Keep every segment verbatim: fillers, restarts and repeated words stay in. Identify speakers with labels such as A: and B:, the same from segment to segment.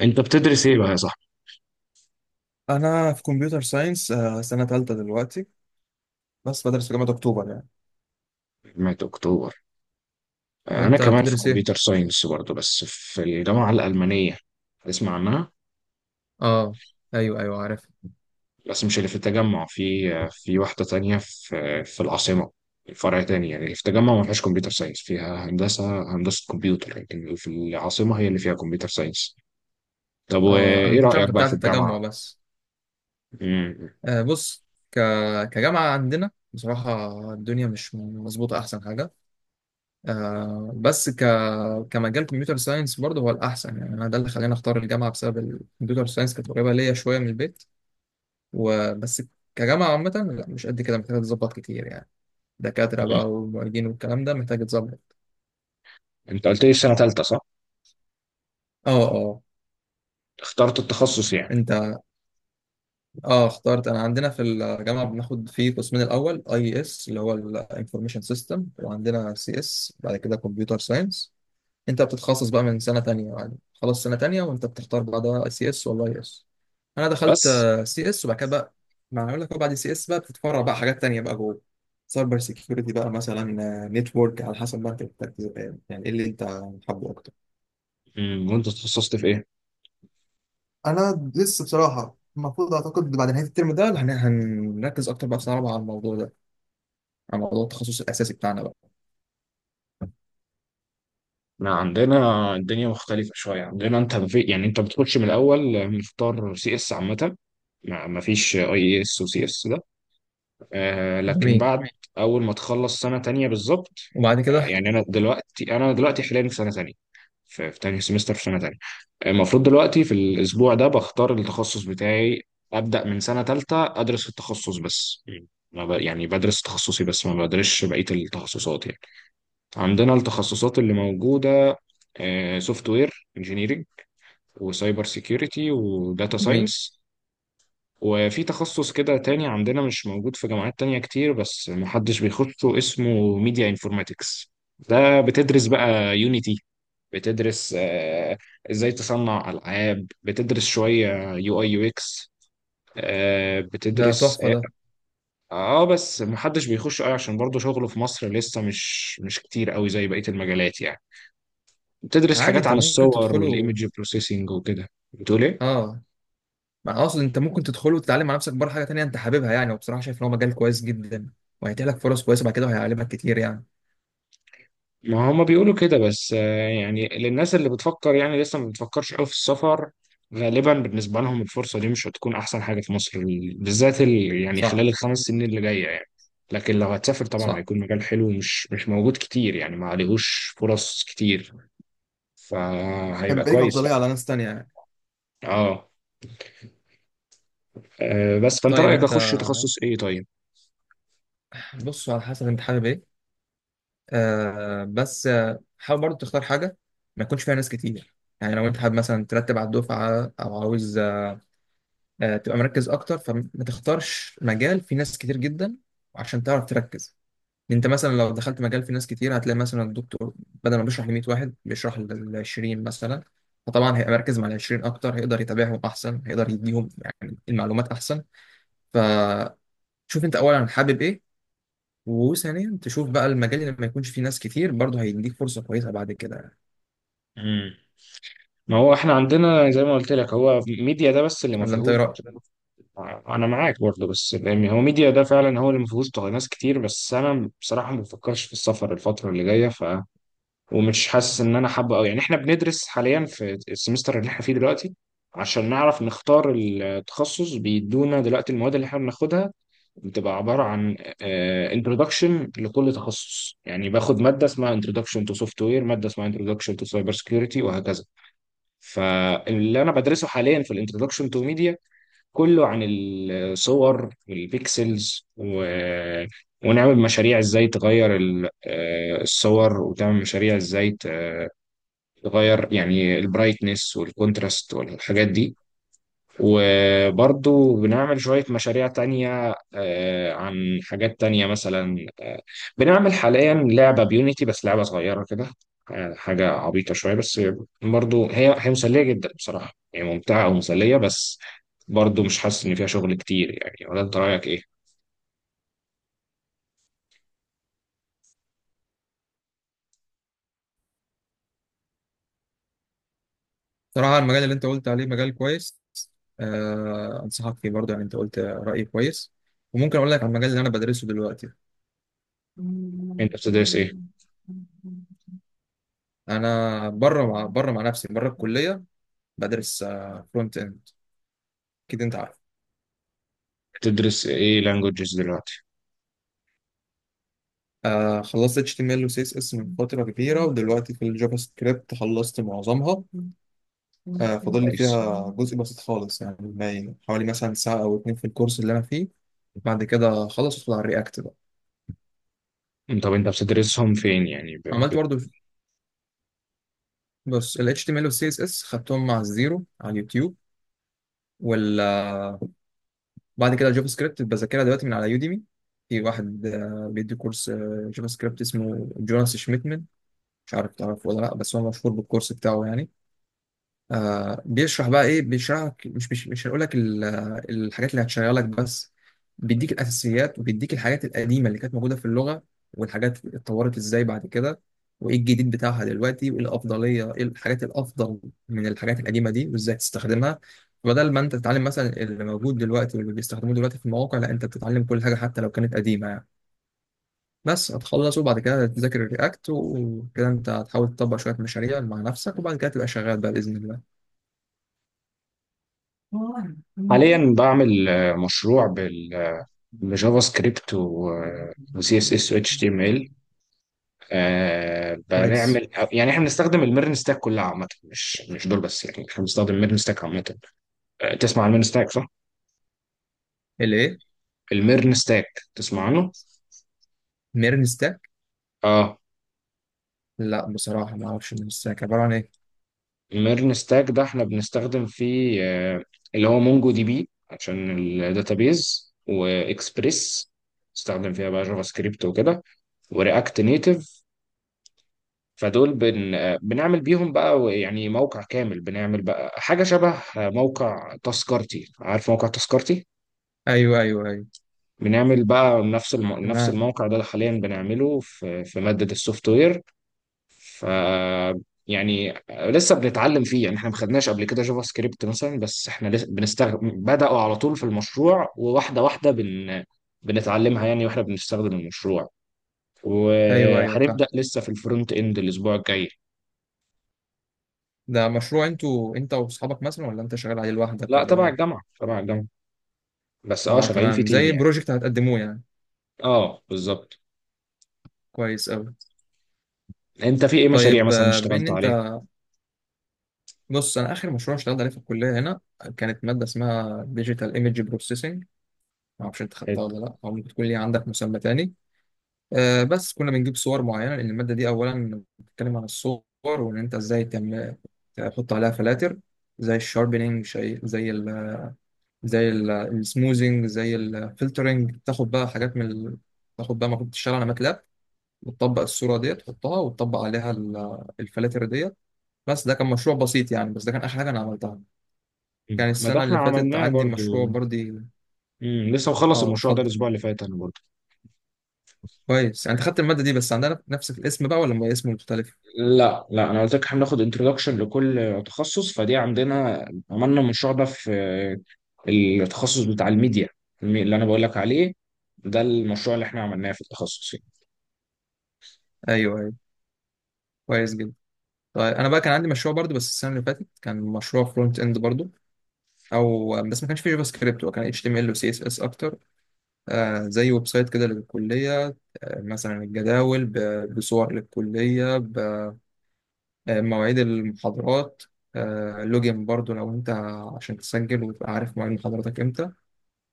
A: انت بتدرس ايه بقى يا صاحبي؟
B: انا في كمبيوتر ساينس، سنه ثالثه دلوقتي. بس بدرس في جامعه اكتوبر يعني.
A: في جامعة اكتوبر. انا
B: وانت
A: كمان في
B: بتدرس
A: كمبيوتر
B: ايه؟
A: ساينس برضه، بس في الجامعة الألمانية. تسمع عنها؟
B: اه، ايوه ايوه عارف.
A: بس مش اللي في التجمع، في في واحدة تانية، في في العاصمة. فرع تاني يعني. اللي في التجمع ما فيهاش كمبيوتر ساينس، فيها هندسة، هندسة كمبيوتر. لكن اللي في العاصمة هي اللي فيها كمبيوتر ساينس. طب
B: اه، انا ما
A: وايه
B: كنتش عارف
A: رأيك
B: غير
A: بقى
B: بتاعت
A: في الجامعة؟
B: التجمع بس.
A: مم.
B: آه بص، ك... كجامعه عندنا بصراحه، الدنيا مش مظبوطه، احسن حاجه. آه بس ك... كمجال كمبيوتر ساينس برضه هو الاحسن، يعني انا ده اللي خلاني اختار الجامعه بسبب الكمبيوتر ساينس، كانت قريبه ليا شويه من البيت وبس. كجامعه عامه لا، مش قد كده، محتاجه تظبط كتير يعني، دكاترة
A: مم.
B: بقى ومعيدين والكلام ده محتاج يتظبط.
A: انت قلت لي سنة تالتة، صح؟
B: اه اه.
A: اخترت التخصص يعني؟
B: انت اه اخترت. انا عندنا في الجامعة بناخد فيه قسمين، الاول اي اس اللي هو الانفورميشن سيستم، وعندنا سي اس بعد كده كمبيوتر ساينس. انت بتتخصص بقى من سنة تانية يعني، خلاص سنة تانية وانت بتختار بعدها سي اس ولا اي اس. انا دخلت
A: بس.
B: سي اس، وبعد كده بقى ما اقول لك، هو بعد سي اس بقى بتتفرع بقى حاجات تانية بقى جوه، سايبر سيكيورتي بقى مثلا، نتورك، على حسب ما انت بتركز، يعني ايه اللي انت حابه اكتر.
A: مم. وانت تخصصت في ايه؟
B: انا لسه بصراحه، المفروض اعتقد بعد نهايه الترم ده هن- هنركز اكتر بقى في سنه رابعه على الموضوع ده، على موضوع التخصص الاساسي بتاعنا بقى.
A: احنا عندنا الدنيا مختلفة شوية. عندنا انت في يعني انت بتخش من الاول مختار سي اس عامة. ما ما فيش اي اس وسي اس ده. آه، لكن
B: جميل.
A: بعد اول ما تخلص سنة تانية بالظبط.
B: وبعد
A: آه،
B: كده.
A: يعني انا دلوقتي انا دلوقتي حاليا في سنة تانية. في, في تاني سمستر في سنة تانية. آه، المفروض دلوقتي في الاسبوع ده بختار التخصص بتاعي. ابدأ من سنة تالتة ادرس في التخصص بس. ما ب... يعني بدرس تخصصي بس، ما بدرسش بقية التخصصات يعني. عندنا التخصصات اللي موجودة: سوفت وير انجينيرنج، وسايبر سيكيورتي، وداتا
B: جميل.
A: ساينس. وفي تخصص كده تاني عندنا مش موجود في جامعات تانية كتير، بس محدش بيخشه، اسمه ميديا انفورماتكس. ده بتدرس بقى يونيتي، بتدرس آه، ازاي تصنع ألعاب، بتدرس شوية يو اي يو اكس،
B: ده
A: بتدرس
B: تحفه
A: اه
B: ده.
A: آه، بس محدش بيخش قوي عشان برضه شغله في مصر لسه مش مش كتير قوي زي بقية المجالات يعني. بتدرس
B: عادي،
A: حاجات
B: انت
A: عن
B: ممكن
A: الصور
B: تدخله.
A: والايمج بروسيسنج وكده. بتقول ايه؟
B: اه، ما اقصد انت ممكن تدخله وتتعلم على نفسك بره حاجه تانية انت حاببها يعني، وبصراحه شايف ان هو مجال كويس جدا، وهيتيح لك فرص كويسه بعد كده، وهيعلمك كتير يعني.
A: ما هما بيقولوا كده، بس آه، يعني للناس اللي بتفكر يعني لسه ما بتفكرش قوي في السفر، غالبا بالنسبة لهم الفرصة دي مش هتكون أحسن حاجة في مصر، بالذات ال... يعني
B: صح.
A: خلال الخمس سنين اللي جاية يعني. لكن لو هتسافر طبعا
B: صح،
A: هيكون مجال حلو، مش مش موجود كتير يعني، ما عليهوش فرص كتير، فهيبقى
B: هيبقى ليك
A: كويس.
B: افضليه على ناس تانية يعني.
A: اه، آه، بس فأنت
B: طيب
A: رأيك
B: انت،
A: أخش تخصص إيه طيب؟
B: بص على حسب انت حابب ايه. آه بس آه، حاول برضو تختار حاجة ما يكونش فيها ناس كتير، يعني لو انت حابب مثلا ترتب على الدفعة او عاوز آه تبقى مركز اكتر، فما تختارش مجال فيه ناس كتير جدا عشان تعرف تركز. انت مثلا لو دخلت مجال فيه ناس كتير، هتلاقي مثلا الدكتور بدل ما بيشرح ل مية واحد بيشرح لل عشرين مثلا، فطبعا هيبقى مركز مع ال عشرين اكتر، هيقدر يتابعهم احسن، هيقدر يديهم يعني المعلومات احسن. فشوف، انت اولا حابب ايه، وثانيا تشوف بقى المجال اللي ما يكونش فيه ناس كتير برضه، هيديك فرصة كويسة بعد كده.
A: مم. ما هو احنا عندنا زي ما قلت لك هو ميديا ده بس اللي ما
B: ولا انت
A: فيهوش.
B: ايه رايك؟
A: انا معاك برضه، بس يعني هو ميديا ده فعلا هو اللي ما فيهوش تغ- ناس كتير، بس انا بصراحه ما بفكرش في السفر الفتره اللي جايه. ف ومش حاسس ان انا حابه قوي يعني. احنا بندرس حاليا في السمستر اللي احنا فيه دلوقتي عشان نعرف نختار التخصص. بيدونا دلوقتي المواد اللي احنا بناخدها بتبقى عبارة عن آه، introduction لكل تخصص. يعني باخد مادة اسمها introduction to software، مادة اسمها introduction to cyber security، وهكذا. فاللي انا بدرسه حاليا في الانترودكشن تو ميديا كله عن الصور والبيكسلز و... ونعمل مشاريع ازاي تغير ال- آه، الصور، وتعمل مشاريع ازاي تغير يعني البرايتنس والكونتراست والحاجات دي. وبرضو بنعمل شوية مشاريع تانية آه، عن حاجات تانية مثلا. آه، بنعمل حاليا لعبة بيونيتي، بس لعبة صغيرة كده، آه، حاجة عبيطة شوية، بس برضو هي هي مسلية جدا بصراحة يعني، ممتعة ومسلية. بس برضو مش حاسس إن فيها شغل كتير يعني. ولا أنت رأيك إيه؟
B: صراحه المجال اللي انت قلت عليه مجال كويس، آه انصحك فيه برضه، يعني انت قلت راي كويس. وممكن اقول لك على المجال اللي انا بدرسه دلوقتي.
A: أنت بتدرس إيه؟
B: انا بره، مع بره، مع نفسي بره الكليه، بدرس فرونت اند. اكيد انت عارف.
A: بتدرس إيه لانجوجز دلوقتي؟
B: آه، خلصت إتش تي إم إل و سي إس إس من فترة كبيرة، ودلوقتي في الجافا سكريبت خلصت معظمها. آه فاضل لي
A: كويس.
B: فيها جزء بسيط خالص يعني، ما- حوالي مثلا ساعة أو اتنين في الكورس اللي أنا فيه. بعد كده خلصت على الرياكت بقى.
A: طب أنت بتدرسهم فين يعني؟ ب...
B: عملت
A: ب...
B: برضو، بص ال H T M L وال C S S خدتهم مع الزيرو على اليوتيوب ولا. بعد كده الجافا سكريبت بذاكرها دلوقتي من على يوديمي. في واحد آه، بيدي كورس آه، جافا سكريبت اسمه جوناس شميتمن، مش عارف تعرفه ولا لا، بس هو مشهور بالكورس بتاعه يعني. آه بيشرح بقى ايه، بيشرح لك، مش مش مش هقول لك ال- الحاجات اللي هتشغلك بس، بيديك الاساسيات وبيديك الحاجات القديمه اللي كانت موجوده في اللغه، والحاجات اتطورت ازاي بعد كده، وايه الجديد بتاعها دلوقتي، وايه الافضليه، ايه الحاجات الافضل من الحاجات القديمه دي، وازاي تستخدمها. بدل ما انت تتعلم مثلا اللي موجود دلوقتي واللي بيستخدموه دلوقتي في المواقع، لا انت بتتعلم كل حاجه حتى لو كانت قديمه يعني. بس هتخلص وبعد كده تذاكر الرياكت وكده، انت هتحاول تطبق شويه مشاريع مع نفسك، وبعد كده تبقى شغال بقى باذن الله.
A: حاليا بعمل آه، مشروع بجافا سكريبت وسي اس اس واتش تي ام ال.
B: كويس.
A: بنعمل يعني احنا بنستخدم الميرن ستاك كلها عامه، مش مش دول بس، يعني احنا بنستخدم الميرن ستاك عامه. آه، تسمع عن الميرن ستاك صح؟
B: الايه؟
A: الميرن ستاك، تسمع عنه؟
B: ميرنستاك.
A: اه.
B: لا بصراحه ما اعرفش ميرنستاك عباره عن ايه.
A: الميرن ستاك ده احنا بنستخدم فيه آه، اللي هو مونجو دي بي عشان الداتابيز، واكسبريس، استخدم فيها بقى جافا سكريبت وكده، ورياكت نيتف. فدول بن... بنعمل بيهم بقى يعني موقع كامل. بنعمل بقى حاجة شبه موقع تذكرتي. عارف موقع تذكرتي؟
B: ايوه ايوه ايوه.
A: بنعمل بقى نفس الم... نفس
B: تمام.
A: الموقع ده اللي حاليا بنعمله في في مادة السوفت وير. ف يعني لسه بنتعلم فيه، يعني احنا ما خدناش قبل كده جافا سكريبت مثلا، بس احنا لسه بنستخدم. بدأوا على طول في المشروع، وواحدة واحدة بن... بنتعلمها يعني واحنا بنستخدم المشروع.
B: ايوه ايوه فاهم.
A: وهنبدأ لسه في الفرونت اند الاسبوع الجاي.
B: ده مشروع انتوا، انت واصحابك مثلا، ولا انت شغال عليه لوحدك،
A: لا،
B: ولا ده
A: تبع
B: ايه؟
A: الجامعة، تبع الجامعة. بس اه
B: اه
A: شغالين في
B: تمام،
A: تيم
B: زي
A: يعني.
B: بروجكت هتقدموه يعني.
A: اه بالظبط.
B: كويس قوي.
A: انت في ايه مشاريع
B: طيب
A: مثلا
B: آه، بما ان
A: اشتغلت
B: انت،
A: عليها؟
B: بص انا اخر مشروع اشتغلت عليه في الكليه هنا، كانت ماده اسمها ديجيتال ايمج بروسيسنج، ما اعرفش انت
A: حلو.
B: خدتها ولا لا، او ممكن تكون ليها عندك مسمى تاني. آه، بس كنا بنجيب صور معينة لأن المادة دي أولا بتتكلم عن الصور، وإن أنت إزاي تعمل تحط عليها فلاتر، زي الشاربينج، شيء زي ال، زي ال- السموزنج، زي الفلترنج، تاخد بقى حاجات من ال... تاخد بقى المفروض تشتغل على ماتلاب، وتطبق الصورة دي تحطها وتطبق عليها ال- الفلاتر ديت. بس ده كان مشروع بسيط يعني، بس ده كان آخر حاجة أنا عملتها.
A: مم.
B: كان
A: ما ده
B: السنة
A: احنا
B: اللي فاتت
A: عملناه
B: عندي
A: برضو.
B: مشروع برضه.
A: مم. لسه مخلص
B: اه
A: المشروع ده
B: اتفضل.
A: الاسبوع اللي فات انا برضو.
B: كويس، يعني أنت خدت المادة دي بس عندنا نفس الاسم بقى ولا اسم مختلف؟
A: لا لا، انا قلت لك احنا بناخد انتروداكشن لكل تخصص. فدي عندنا عملنا المشروع ده في التخصص بتاع الميديا، المي- اللي انا بقول لك عليه. ده المشروع اللي احنا عملناه في التخصص يعني.
B: أيوه أيوه، كويس جدا. طيب انا بقى كان عندي مشروع برضو، بس السنه اللي فاتت كان مشروع فرونت اند برضو، او بس ما كانش فيه جافا سكريبت، هو كان اتش تي ام ال وسي اس اس اكتر. آه زي ويب سايت كده للكليه، آه مثلا الجداول ب- بصور للكليه، بمواعيد المحاضرات. آه لوجين برضو لو انت عشان تسجل وتبقى عارف مواعيد محاضراتك امتى.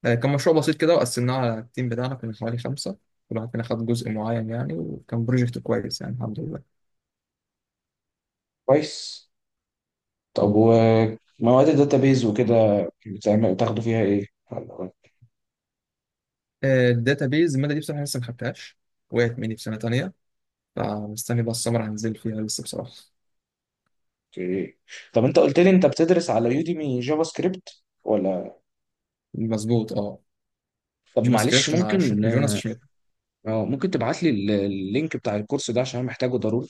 B: آه كان مشروع بسيط كده، وقسمناه على التيم بتاعنا، كنا حوالي خمسه، كل واحد فينا خد جزء معين يعني، وكان بروجكت كويس يعني الحمد لله.
A: كويس. طب ومواد الداتابيز وكده بتعمل- بتاخدوا فيها ايه؟
B: الداتابيز الماده دي بصراحه لسه ما خدتهاش، وقعت مني في سنه تانية، فمستني بقى السمر هنزل فيها لسه بصراحة.
A: اوكي. طب انت قلت لي انت بتدرس على يوديمي جافا سكريبت ولا؟
B: مظبوط اه.
A: طب
B: جافا
A: معلش
B: سكريبت مع
A: ممكن؟
B: ش- جوناس شميت.
A: اه ممكن تبعت لي اللينك بتاع الكورس ده عشان أنا محتاجه ضروري.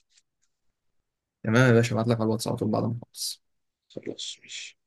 B: تمام يا باشا، ابعت لك على الواتس على طول بعد ما اخلص.
A: خلاص ماشي.